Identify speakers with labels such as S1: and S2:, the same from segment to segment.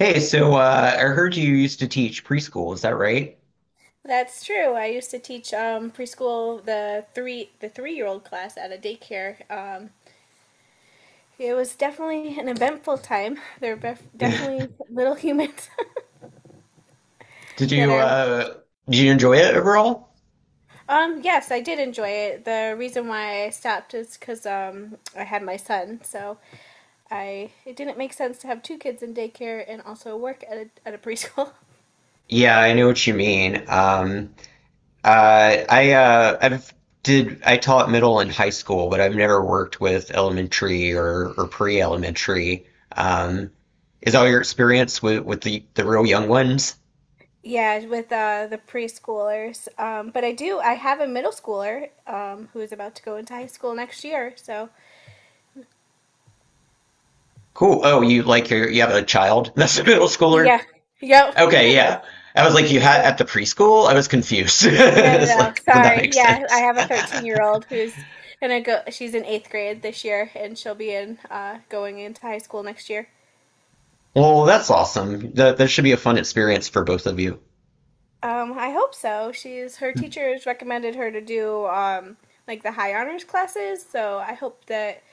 S1: Hey, I heard you used to teach preschool, is that right?
S2: That's true. I used to teach preschool the 3-year-old class at a daycare. It was definitely an eventful time. They're definitely little humans
S1: Did
S2: that
S1: you
S2: are.
S1: uh, did you enjoy it overall?
S2: Yes, I did enjoy it. The reason why I stopped is because I had my son, so I it didn't make sense to have two kids in daycare and also work at a preschool.
S1: Yeah, I know what you mean. I I've did I taught middle and high school, but I've never worked with elementary or pre-elementary. Um, is all your experience with the real young ones?
S2: Yeah, with the preschoolers. But I have a middle schooler who is about to go into high school next year. So
S1: Cool. Oh, you you have a child that's a middle schooler?
S2: yeah. Yep.
S1: Okay, yeah. I was like, you had
S2: Yep.
S1: at the preschool? I was confused.
S2: No, no,
S1: It's
S2: no.
S1: like, but that
S2: Sorry.
S1: makes
S2: Yeah, I
S1: sense.
S2: have a 13-year-old who's gonna go. She's in eighth grade this year, and she'll be in going into high school next year.
S1: Well, that's awesome. That should be a fun experience for both of you.
S2: I hope so. She's her teachers recommended her to do like the high honors classes, so I hope that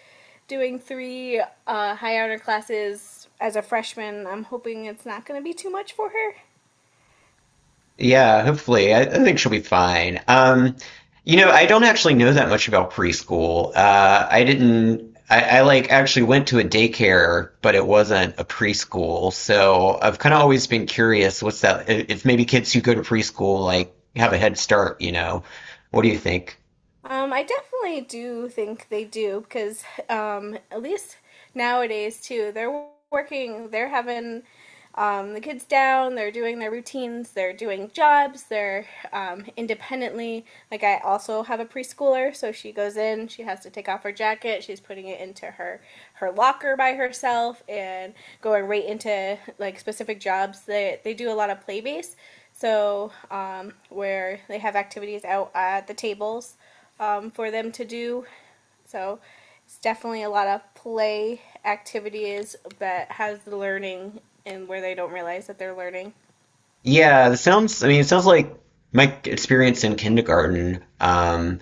S2: doing three high honor classes as a freshman, I'm hoping it's not gonna be too much for her.
S1: Yeah, hopefully. I think she'll be fine. I don't actually know that much about preschool. I didn't. I like actually went to a daycare, but it wasn't a preschool. So I've kind of always been curious. What's that? If maybe kids who go to preschool like have a head start, you know? What do you think?
S2: I definitely do think they do because at least nowadays too, they're working, they're having the kids down, they're doing their routines, they're doing jobs, they're independently. Like I also have a preschooler, so she goes in, she has to take off her jacket, she's putting it into her locker by herself, and going right into like specific jobs. They do a lot of play based, so where they have activities out at the tables for them to do. So it's definitely a lot of play activities that has the learning and where they don't realize that they're learning.
S1: Yeah, it sounds, I mean, it sounds like my experience in kindergarten.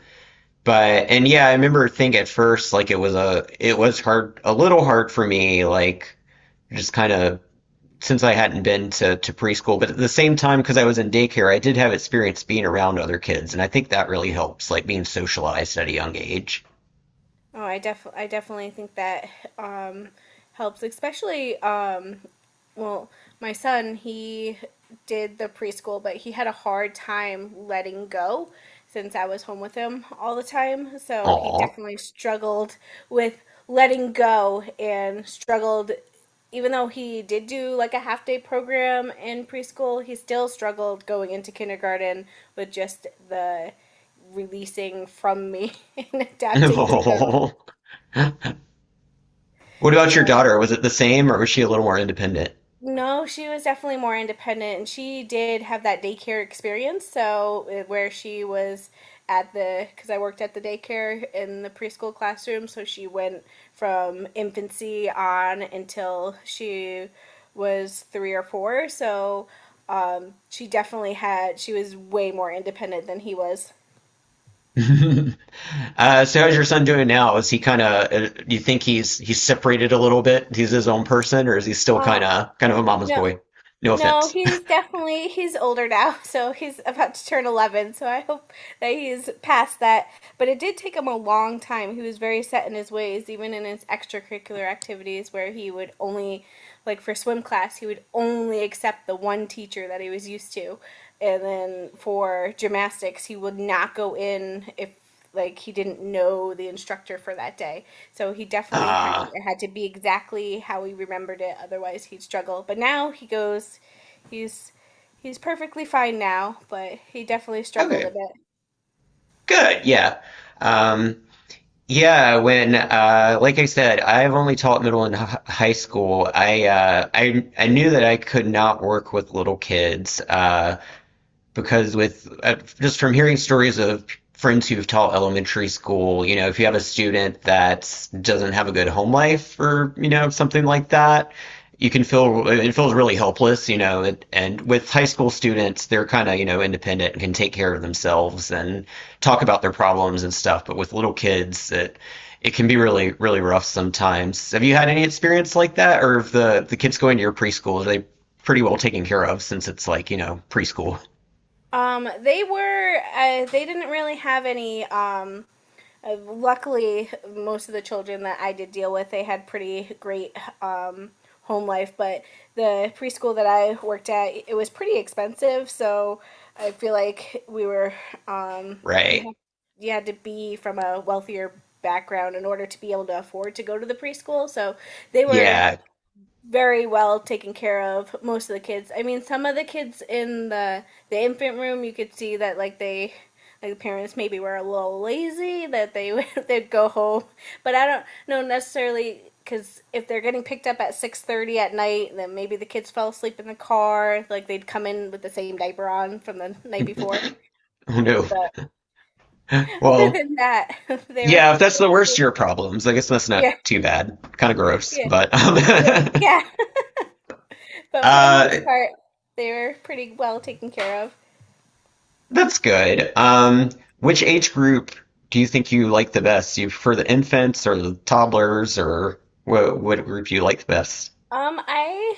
S1: But, and yeah, I remember think at first, like it was hard, a little hard for me, like just kind of since I hadn't been to preschool. But at the same time, because I was in daycare, I did have experience being around other kids. And I think that really helps, like being socialized at a young age.
S2: Oh, I definitely think that um, helps, especially well, my son, he did the preschool, but he had a hard time letting go since I was home with him all the time. So he
S1: Aw.
S2: definitely struggled with letting go and struggled, even though he did do like a half day program in preschool, he still struggled going into kindergarten with just the releasing from me and adapting to go.
S1: What about your
S2: So,
S1: daughter? Was it the same or was she a little more independent?
S2: no, she was definitely more independent, and she did have that daycare experience. So, where she was at the, because I worked at the daycare in the preschool classroom, so she went from infancy on until she was three or four. So, she definitely had, she was way more independent than he was.
S1: So how's your son doing now? Is he kind of? You think he's separated a little bit? He's his own person, or is he still
S2: Um,
S1: kind of a mama's
S2: no,
S1: boy? No
S2: no,
S1: offense.
S2: he's definitely, he's older now, so he's about to turn 11, so I hope that he's past that. But it did take him a long time. He was very set in his ways, even in his extracurricular activities where he would only like for swim class, he would only accept the one teacher that he was used to. And then for gymnastics, he would not go in if like he didn't know the instructor for that day. So he definitely had,
S1: Ah,
S2: it had to be exactly how he remembered it, otherwise he'd struggle. But now he goes, he's he's perfectly fine now, but he definitely struggled a
S1: okay,
S2: bit.
S1: good, yeah, um, yeah. When, like I said, I've only taught middle and high school. I knew that I could not work with little kids. Because with just from hearing stories of friends who've taught elementary school, you know, if you have a student that doesn't have a good home life or you know something like that, you can feel it feels really helpless, you know. And with high school students, they're kind of you know independent and can take care of themselves and talk about their problems and stuff. But with little kids, it can be really really rough sometimes. Have you had any experience like that, or if the kids going to your preschool, are they pretty well taken care of since it's like you know preschool?
S2: They were. They didn't really have any. Luckily, most of the children that I did deal with, they had pretty great um, home life. But the preschool that I worked at, it was pretty expensive. So I feel like we were. Um, you
S1: Right.
S2: had you had to be from a wealthier background in order to be able to afford to go to the preschool. So they were
S1: Yeah.
S2: very well taken care of, most of the kids. I mean some of the kids in the infant room you could see that, like, they, like, the parents maybe were a little lazy, that they they'd go home, but I don't know necessarily, because if they're getting picked up at 6:30 at night, then maybe the kids fell asleep in the car, like they'd come in with the same diaper on from the night before,
S1: oh no.
S2: but other
S1: Well,
S2: than that they were.
S1: yeah, if that's the worst of your problems, I guess that's not
S2: Yeah,
S1: too bad. Kind of gross,
S2: yeah,
S1: but
S2: yeah, yeah. But for the most
S1: uh,
S2: part they were pretty well taken care of.
S1: that's good. Which age group do you think you like the best? Do you prefer the infants or the toddlers, or what group do you like the best?
S2: I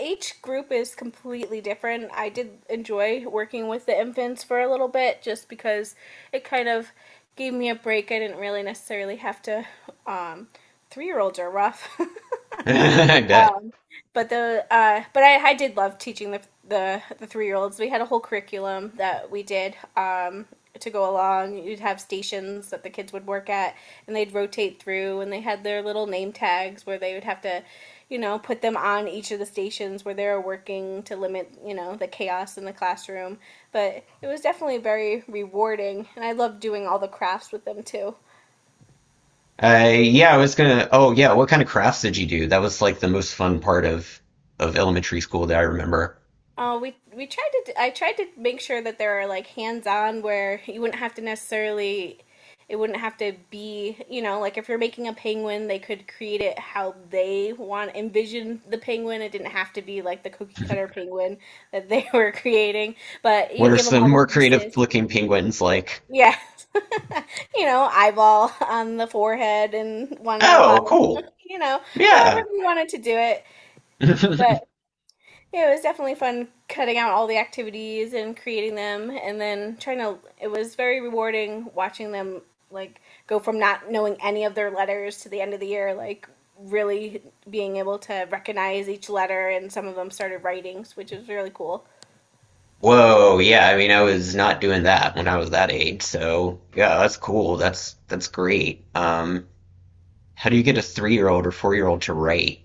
S2: Each group is completely different. I did enjoy working with the infants for a little bit just because it kind of gave me a break. I didn't really necessarily have to. um 3-year-olds are rough.
S1: I bet.
S2: um, but I did love teaching the 3-year-olds. We had a whole curriculum that we did to go along. You'd have stations that the kids would work at, and they'd rotate through, and they had their little name tags where they would have to, put them on each of the stations where they were working, to limit, the chaos in the classroom. But it was definitely very rewarding, and I loved doing all the crafts with them too.
S1: Yeah, I was gonna. Oh, yeah. What kind of crafts did you do? That was like the most fun part of elementary school that I remember.
S2: Oh, we tried to. I tried to make sure that there are like hands-on where you wouldn't have to necessarily. It wouldn't have to be, like if you're making a penguin, they could create it how they want envision the penguin. It didn't have to be like the cookie cutter penguin that they were creating, but you
S1: What are
S2: give them
S1: some
S2: all the
S1: more creative
S2: pieces.
S1: looking penguins like?
S2: Yeah, eyeball on the forehead and one on the
S1: Oh,
S2: bottom.
S1: cool.
S2: You know, However
S1: Yeah.
S2: you wanted to do it, but yeah, it was definitely fun cutting out all the activities and creating them and then trying to. It was very rewarding watching them like go from not knowing any of their letters to the end of the year, like really being able to recognize each letter, and some of them started writing, which was really cool.
S1: Whoa, yeah, I mean, I was not doing that when I was that age, so yeah, that's cool. That's great. How do you get a three-year-old or four-year-old to write?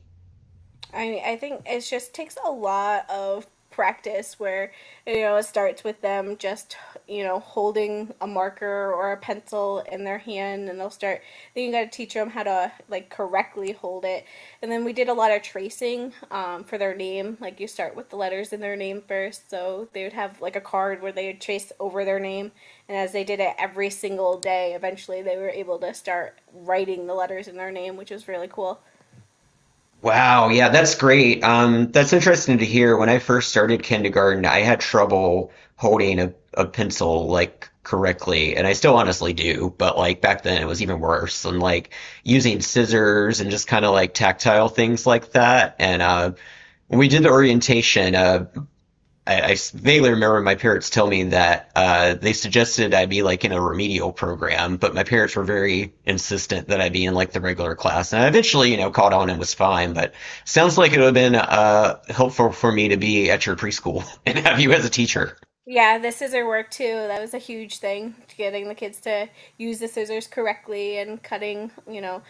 S2: I think it just takes a lot of practice where, it starts with them just holding a marker or a pencil in their hand, and they'll start. Then you got to teach them how to like correctly hold it, and then we did a lot of tracing for their name, like you start with the letters in their name first, so they would have like a card where they would trace over their name, and as they did it every single day, eventually they were able to start writing the letters in their name, which was really cool.
S1: Wow, yeah, that's great. That's interesting to hear. When I first started kindergarten, I had trouble holding a pencil like correctly, and I still honestly do, but like back then it was even worse. And like using scissors and just kind of like tactile things like that. And when we did the orientation, I vaguely remember my parents telling me that they suggested I be like in a remedial program, but my parents were very insistent that I be in like the regular class. And I eventually, you know, caught on and was fine. But sounds like it would have been helpful for me to be at your preschool and have you as a teacher.
S2: Yeah, the scissor work too. That was a huge thing, to getting the kids to use the scissors correctly and cutting.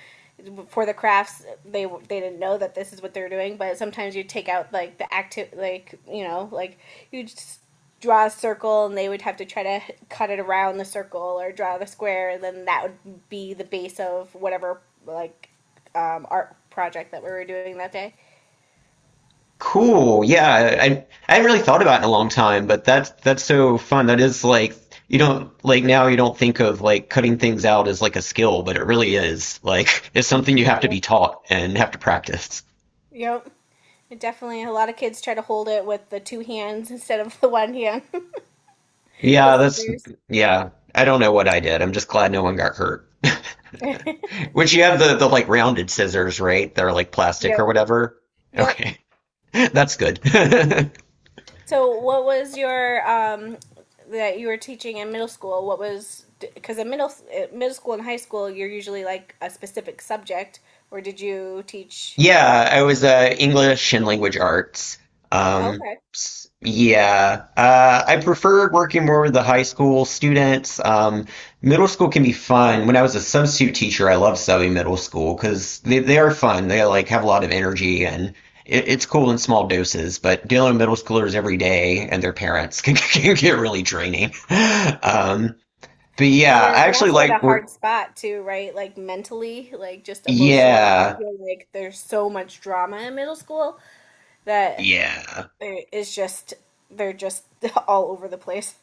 S2: For the crafts, they didn't know that this is what they're doing. But sometimes you take out like the active, like, like you just draw a circle, and they would have to try to cut it around the circle or draw the square, and then that would be the base of whatever like art project that we were doing that day.
S1: Cool. Yeah, I hadn't really thought about it in a long time, but that's so fun. That is like you don't like now you don't think of like cutting things out as like a skill, but it really is. Like it's something you have to
S2: Yep.
S1: be taught and have to practice.
S2: Yep. It definitely, a lot of kids try to hold it with the two hands instead of the one hand. The
S1: Yeah, that's
S2: scissors.
S1: yeah. I don't know what I did. I'm just glad no one got hurt. Which you have the like rounded scissors, right? They're like plastic
S2: Yep.
S1: or whatever.
S2: Yep.
S1: Okay. That's good.
S2: So, what was your that you were teaching in middle school? What was, because in middle school and high school, you're usually like a specific subject, or did you teach?
S1: Yeah, I was English and language arts.
S2: Oh,
S1: Um,
S2: okay.
S1: yeah, I preferred working more with the high school students. Middle school can be fun. When I was a substitute teacher, I loved subbing middle school because they are fun. They like have a lot of energy and it's cool in small doses. But dealing with middle schoolers every day and their parents can get really draining. Um, but
S2: And
S1: yeah,
S2: they're
S1: I
S2: they're
S1: actually
S2: also in a
S1: like
S2: hard
S1: work.
S2: spot too, right? Like mentally, like just emotionally. I
S1: Yeah,
S2: feel like there's so much drama in middle school that
S1: yeah.
S2: there is just, they're just all over the place.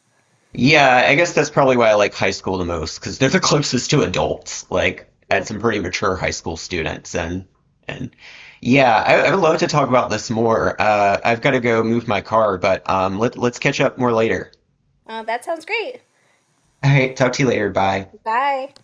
S1: Yeah, I guess that's probably why I like high school the most because they're the closest to adults. Like, I had
S2: Yep.
S1: some pretty mature high school students, and yeah, I would love to talk about this more. I've got to go move my car, but let's catch up more later.
S2: That sounds great.
S1: All right, talk to you later. Bye.
S2: Bye.